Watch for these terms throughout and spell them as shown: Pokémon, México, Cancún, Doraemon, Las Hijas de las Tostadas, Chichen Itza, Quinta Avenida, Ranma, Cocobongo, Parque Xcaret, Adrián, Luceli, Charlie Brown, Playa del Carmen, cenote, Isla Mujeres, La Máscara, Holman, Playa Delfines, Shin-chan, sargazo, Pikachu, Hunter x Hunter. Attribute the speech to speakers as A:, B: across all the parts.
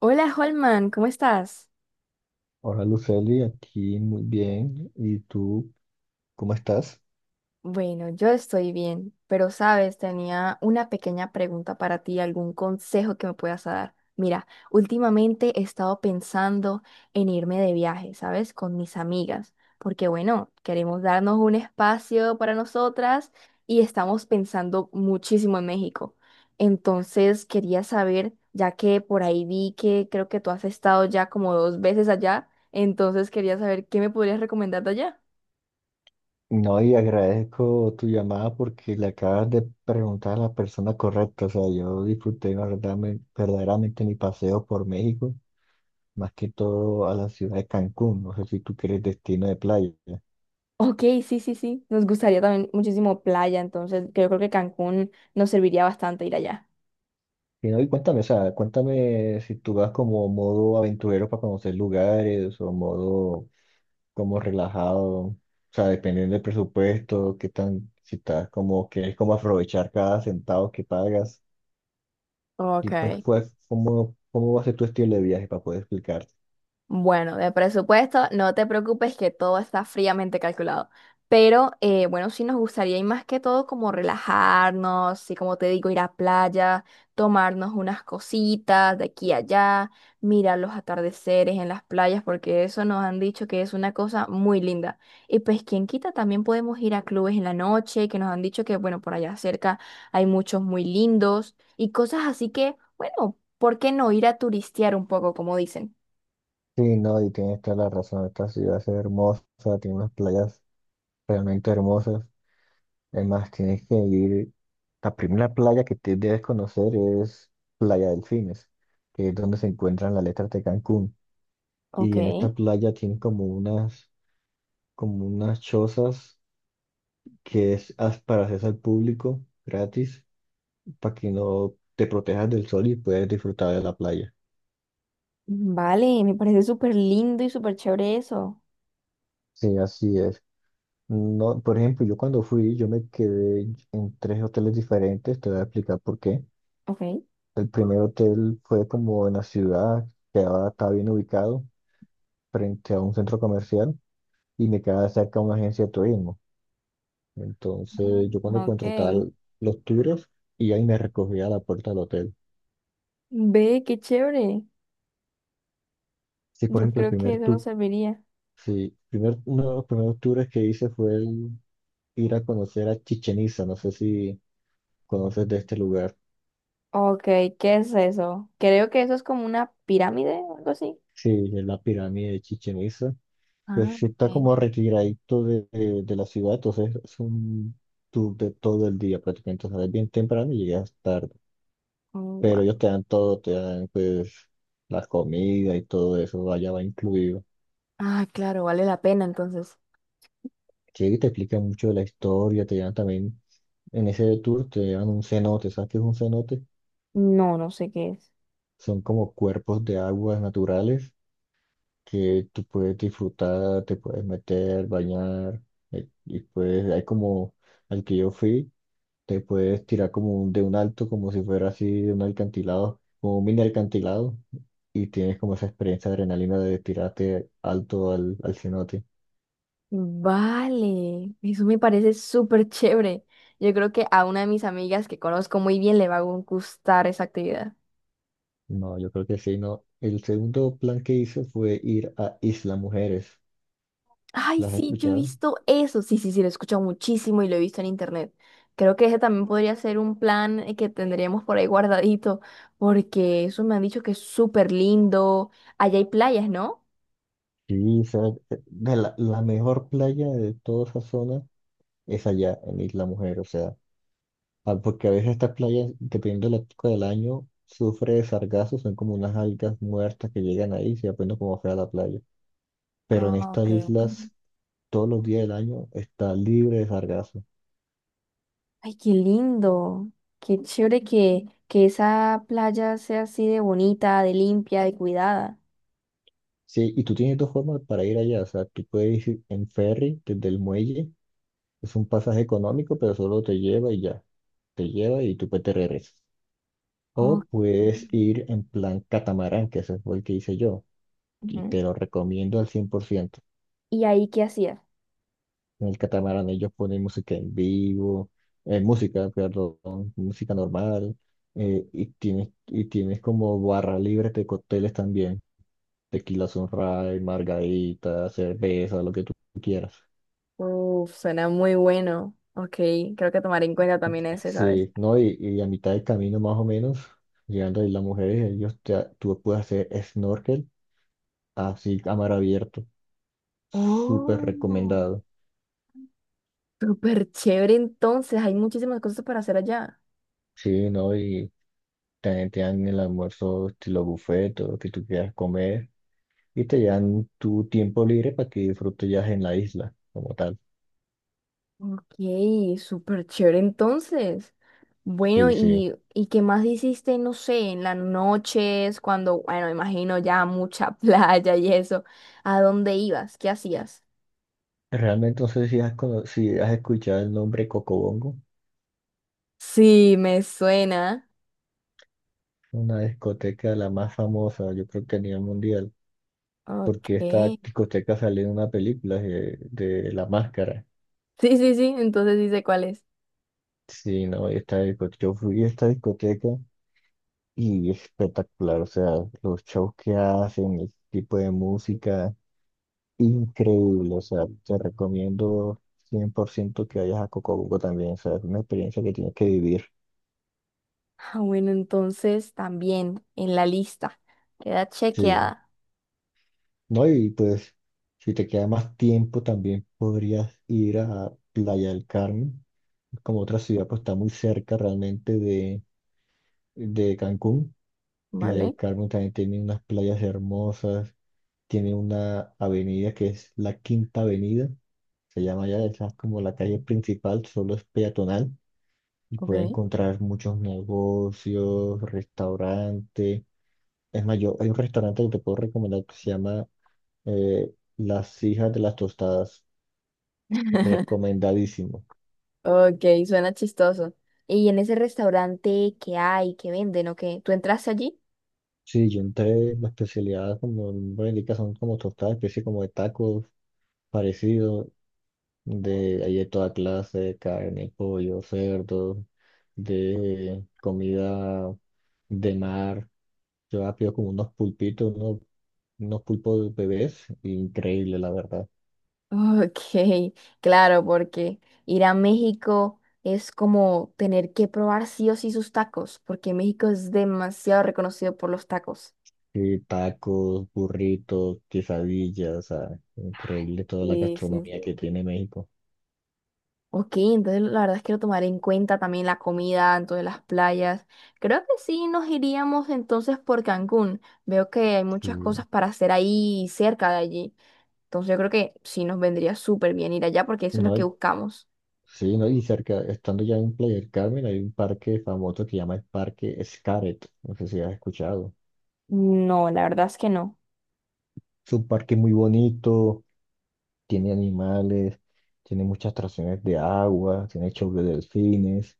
A: Hola Holman, ¿cómo estás?
B: Hola Luceli, aquí muy bien. ¿Y tú cómo estás?
A: Bueno, yo estoy bien, pero sabes, tenía una pequeña pregunta para ti, algún consejo que me puedas dar. Mira, últimamente he estado pensando en irme de viaje, ¿sabes? Con mis amigas, porque bueno, queremos darnos un espacio para nosotras y estamos pensando muchísimo en México. Entonces quería saber, ya que por ahí vi que creo que tú has estado ya como dos veces allá, entonces quería saber qué me podrías recomendar de allá.
B: No, y agradezco tu llamada porque le acabas de preguntar a la persona correcta. O sea, yo disfruté verdaderamente, verdaderamente mi paseo por México, más que todo a la ciudad de Cancún. No sé si tú quieres destino de playa.
A: Ok, sí, sí, sí. Nos gustaría también muchísimo playa, entonces que yo creo que Cancún nos serviría bastante ir allá.
B: Y no, y cuéntame, o sea, cuéntame si tú vas como modo aventurero para conocer lugares o modo como relajado, o sea, dependiendo del presupuesto, qué tan, si estás como, quieres como aprovechar cada centavo que pagas, y
A: Ok.
B: pues, cómo, cómo va a ser tu estilo de viaje para poder explicarte.
A: Bueno, de presupuesto, no te preocupes que todo está fríamente calculado. Pero bueno, sí nos gustaría y más que todo como relajarnos, y como te digo, ir a playa, tomarnos unas cositas de aquí a allá, mirar los atardeceres en las playas, porque eso nos han dicho que es una cosa muy linda. Y pues quien quita, también podemos ir a clubes en la noche, que nos han dicho que bueno, por allá cerca hay muchos muy lindos y cosas así que, bueno, ¿por qué no ir a turistear un poco, como dicen?
B: Sí, no, y tienes toda la razón, esta ciudad es hermosa, tiene unas playas realmente hermosas, además tienes que ir, la primera playa que te debes conocer es Playa Delfines, que es donde se encuentran las letras de Cancún,
A: Ok.
B: y en esta playa tienen como unas chozas que es para acceso al público gratis, para que no te protejas del sol y puedas disfrutar de la playa.
A: Vale, me parece súper lindo y súper chévere eso.
B: Sí, así es. No, por ejemplo, yo cuando fui, yo me quedé en tres hoteles diferentes, te voy a explicar por qué.
A: Ok.
B: El primer hotel fue como en la ciudad, que ahora está bien ubicado, frente a un centro comercial, y me quedaba cerca de una agencia de turismo.
A: Ah,
B: Entonces, yo cuando
A: ok.
B: contrataba los tours, y ahí me recogía a la puerta del hotel.
A: Ve, qué chévere.
B: Sí, por
A: Yo
B: ejemplo, el
A: creo que
B: primer
A: eso nos
B: tour.
A: serviría.
B: Sí, primer, uno de los primeros tours que hice fue el ir a conocer a Chichen Itza. No sé si conoces de este lugar.
A: Ok, ¿qué es eso? Creo que eso es como una pirámide o algo así.
B: Sí, es la pirámide de Chichen Itza.
A: Ah,
B: Pues sí está
A: ok.
B: como retiradito de la ciudad, entonces es un tour de todo el día prácticamente. O sea, es bien temprano y llegas tarde.
A: Oh,
B: Pero
A: gua-
B: ellos te dan todo, te dan pues la comida y todo eso, allá va incluido.
A: Ah, claro, vale la pena entonces.
B: Sí, te explican mucho de la historia, te dan también, en ese tour te dan un cenote, ¿sabes qué es un cenote?
A: No, no sé qué es.
B: Son como cuerpos de aguas naturales que tú puedes disfrutar, te puedes meter, bañar, y puedes, hay como al que yo fui, te puedes tirar como de un alto, como si fuera así de un alcantilado, como un mini alcantilado, y tienes como esa experiencia de adrenalina de tirarte alto al, al cenote.
A: Vale, eso me parece súper chévere. Yo creo que a una de mis amigas que conozco muy bien le va a gustar esa actividad.
B: No, yo creo que sí, no. El segundo plan que hice fue ir a Isla Mujeres.
A: Ay,
B: ¿Las has
A: sí, yo he
B: escuchado?
A: visto eso. Sí, sí, sí, lo he escuchado muchísimo y lo he visto en internet. Creo que ese también podría ser un plan que tendríamos por ahí guardadito, porque eso me han dicho que es súper lindo. Allá hay playas, ¿no?
B: Sí, esa es de la mejor playa de toda esa zona es allá en Isla Mujer, o sea, ah, porque a veces estas playas, dependiendo de la época del año, sufre de sargazo, son como unas algas muertas que llegan ahí y se apenas como fea la playa. Pero en
A: Ah, ok.
B: estas
A: Ok.
B: islas, todos los días del año está libre de sargazo.
A: Ay, qué lindo. Qué chévere que esa playa sea así de bonita, de limpia, de cuidada.
B: Sí, y tú tienes dos formas para ir allá, o sea, tú puedes ir en ferry desde el muelle, es un pasaje económico, pero solo te lleva y ya, te lleva y tú pues te regresas.
A: Ok.
B: O puedes ir en plan catamarán, que ese fue el que hice yo, y
A: Ujú.
B: te lo recomiendo al 100%.
A: ¿Y ahí qué hacías?
B: En el catamarán ellos ponen música en vivo, música, perdón, música normal, y tienes como barra libre de cócteles también, tequila sunrise, margarita, cerveza, lo que tú quieras.
A: Uf, suena muy bueno. Ok, creo que tomaré en cuenta también ese, ¿sabes?
B: Sí, ¿no? Y a mitad del camino más o menos, llegando ahí las mujeres, ellos te, tú puedes hacer snorkel así a mar abierto, súper
A: Oh,
B: recomendado.
A: súper chévere entonces. Hay muchísimas cosas para hacer allá.
B: Sí, ¿no? Y también te dan el almuerzo estilo buffet, todo lo que tú quieras comer. Y te dan tu tiempo libre para que disfrutes ya en la isla, como tal.
A: Ok, súper chévere entonces. Bueno,
B: Sí, sí.
A: ¿y qué más hiciste, no sé, en las noches, cuando, bueno, imagino ya mucha playa y eso? ¿A dónde ibas? ¿Qué hacías?
B: Realmente no sé si has, si has escuchado el nombre Cocobongo,
A: Sí, me suena.
B: una discoteca la más famosa, yo creo que a nivel mundial,
A: Ok.
B: porque esta
A: Sí,
B: discoteca salió en una película de La Máscara.
A: sí, sí, entonces dice cuál es.
B: Sí, no, esta discoteca, yo fui a esta discoteca y es espectacular, o sea, los shows que hacen, el tipo de música. Increíble, o sea, te recomiendo 100% que vayas a Cocobuco también, o sea, es una experiencia que tienes que vivir.
A: Ah, bueno, entonces también en la lista. Queda
B: Sí.
A: chequeada,
B: No, y pues, si te queda más tiempo, también podrías ir a Playa del Carmen, como otra ciudad, pues está muy cerca realmente de Cancún. Playa del
A: ¿vale?
B: Carmen también tiene unas playas hermosas, tiene una avenida que es la Quinta Avenida, se llama ya, esa es como la calle principal, solo es peatonal y puede
A: Ok.
B: encontrar muchos negocios, restaurantes. Es más, yo, hay un restaurante que te puedo recomendar que se llama eh, Las Hijas de las Tostadas. Recomendadísimo.
A: Ok, suena chistoso. ¿Y en ese restaurante qué hay, qué venden o qué? ¿Tú entraste allí?
B: Sí, yo entré, la especialidad, como el nombre indica, son como tostadas, especie como de tacos parecidos, de, hay de toda clase, carne, pollo, cerdo, de comida de mar. Yo pido como unos pulpitos, unos, unos pulpos de bebés, increíble, la verdad.
A: Ok, claro, porque ir a México es como tener que probar sí o sí sus tacos, porque México es demasiado reconocido por los tacos.
B: Sí, tacos, burritos, quesadillas, o sea, increíble toda la
A: Sí, sí, sí.
B: gastronomía que tiene México.
A: Ok, entonces la verdad es que lo tomaré en cuenta también la comida, entonces las playas. Creo que sí nos iríamos entonces por Cancún. Veo que hay muchas
B: Sí,
A: cosas para hacer ahí cerca de allí. Entonces yo creo que sí nos vendría súper bien ir allá porque eso es lo
B: no,
A: que
B: y-
A: buscamos.
B: sí, no, y cerca, estando ya en Playa del Carmen, hay un parque famoso que se llama el Parque Xcaret, no sé si has escuchado.
A: No, la verdad es que no.
B: Es un parque muy bonito, tiene animales, tiene muchas atracciones de agua, tiene shows de delfines,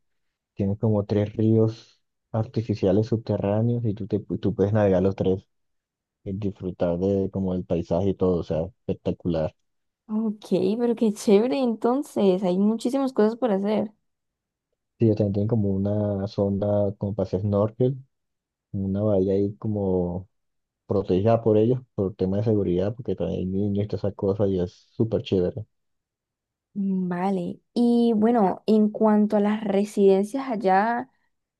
B: tiene como tres ríos artificiales subterráneos y tú, te, tú puedes navegar los tres y disfrutar de como el paisaje y todo, o sea, espectacular.
A: Ok, pero qué chévere, entonces, hay muchísimas cosas por hacer.
B: Sí, también tienen como una zona como para hacer snorkel, una bahía ahí como protegida por ellos por tema de seguridad, porque también hay niños y todas esas cosas y es súper chévere.
A: Vale, y bueno, en cuanto a las residencias allá,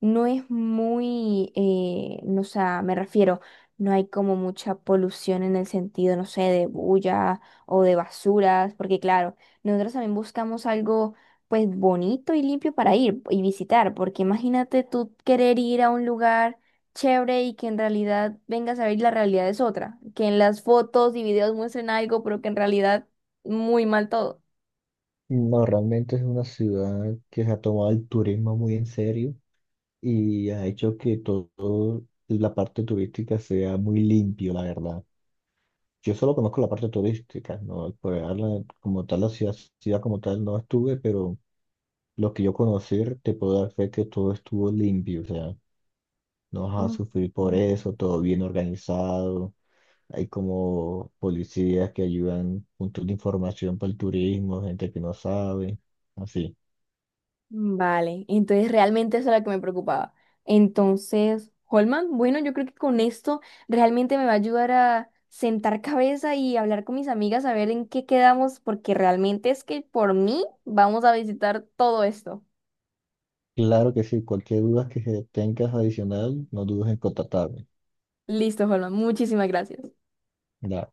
A: no es muy, no, o sea, me refiero, no hay como mucha polución en el sentido, no sé, de bulla o de basuras, porque claro, nosotros también buscamos algo pues bonito y limpio para ir y visitar, porque imagínate tú querer ir a un lugar chévere y que en realidad vengas a ver y la realidad es otra, que en las fotos y videos muestren algo, pero que en realidad muy mal todo.
B: No, realmente es una ciudad que se ha tomado el turismo muy en serio y ha hecho que todo la parte turística sea muy limpio, la verdad. Yo solo conozco la parte turística, ¿no? Por hablar como tal, la ciudad, ciudad como tal no estuve, pero lo que yo conocí te puedo dar fe que todo estuvo limpio, o sea, no vas a
A: Mm,
B: sufrir por
A: mm.
B: eso, todo bien organizado. Hay como policías que ayudan, puntos de información para el turismo, gente que no sabe, así.
A: Vale, entonces realmente eso era lo que me preocupaba. Entonces, Holman, bueno, yo creo que con esto realmente me va a ayudar a sentar cabeza y hablar con mis amigas a ver en qué quedamos, porque realmente es que por mí vamos a visitar todo esto.
B: Claro que sí, cualquier duda que se tengas adicional, no dudes en contactarme.
A: Listo, Holman, muchísimas gracias.
B: Dale.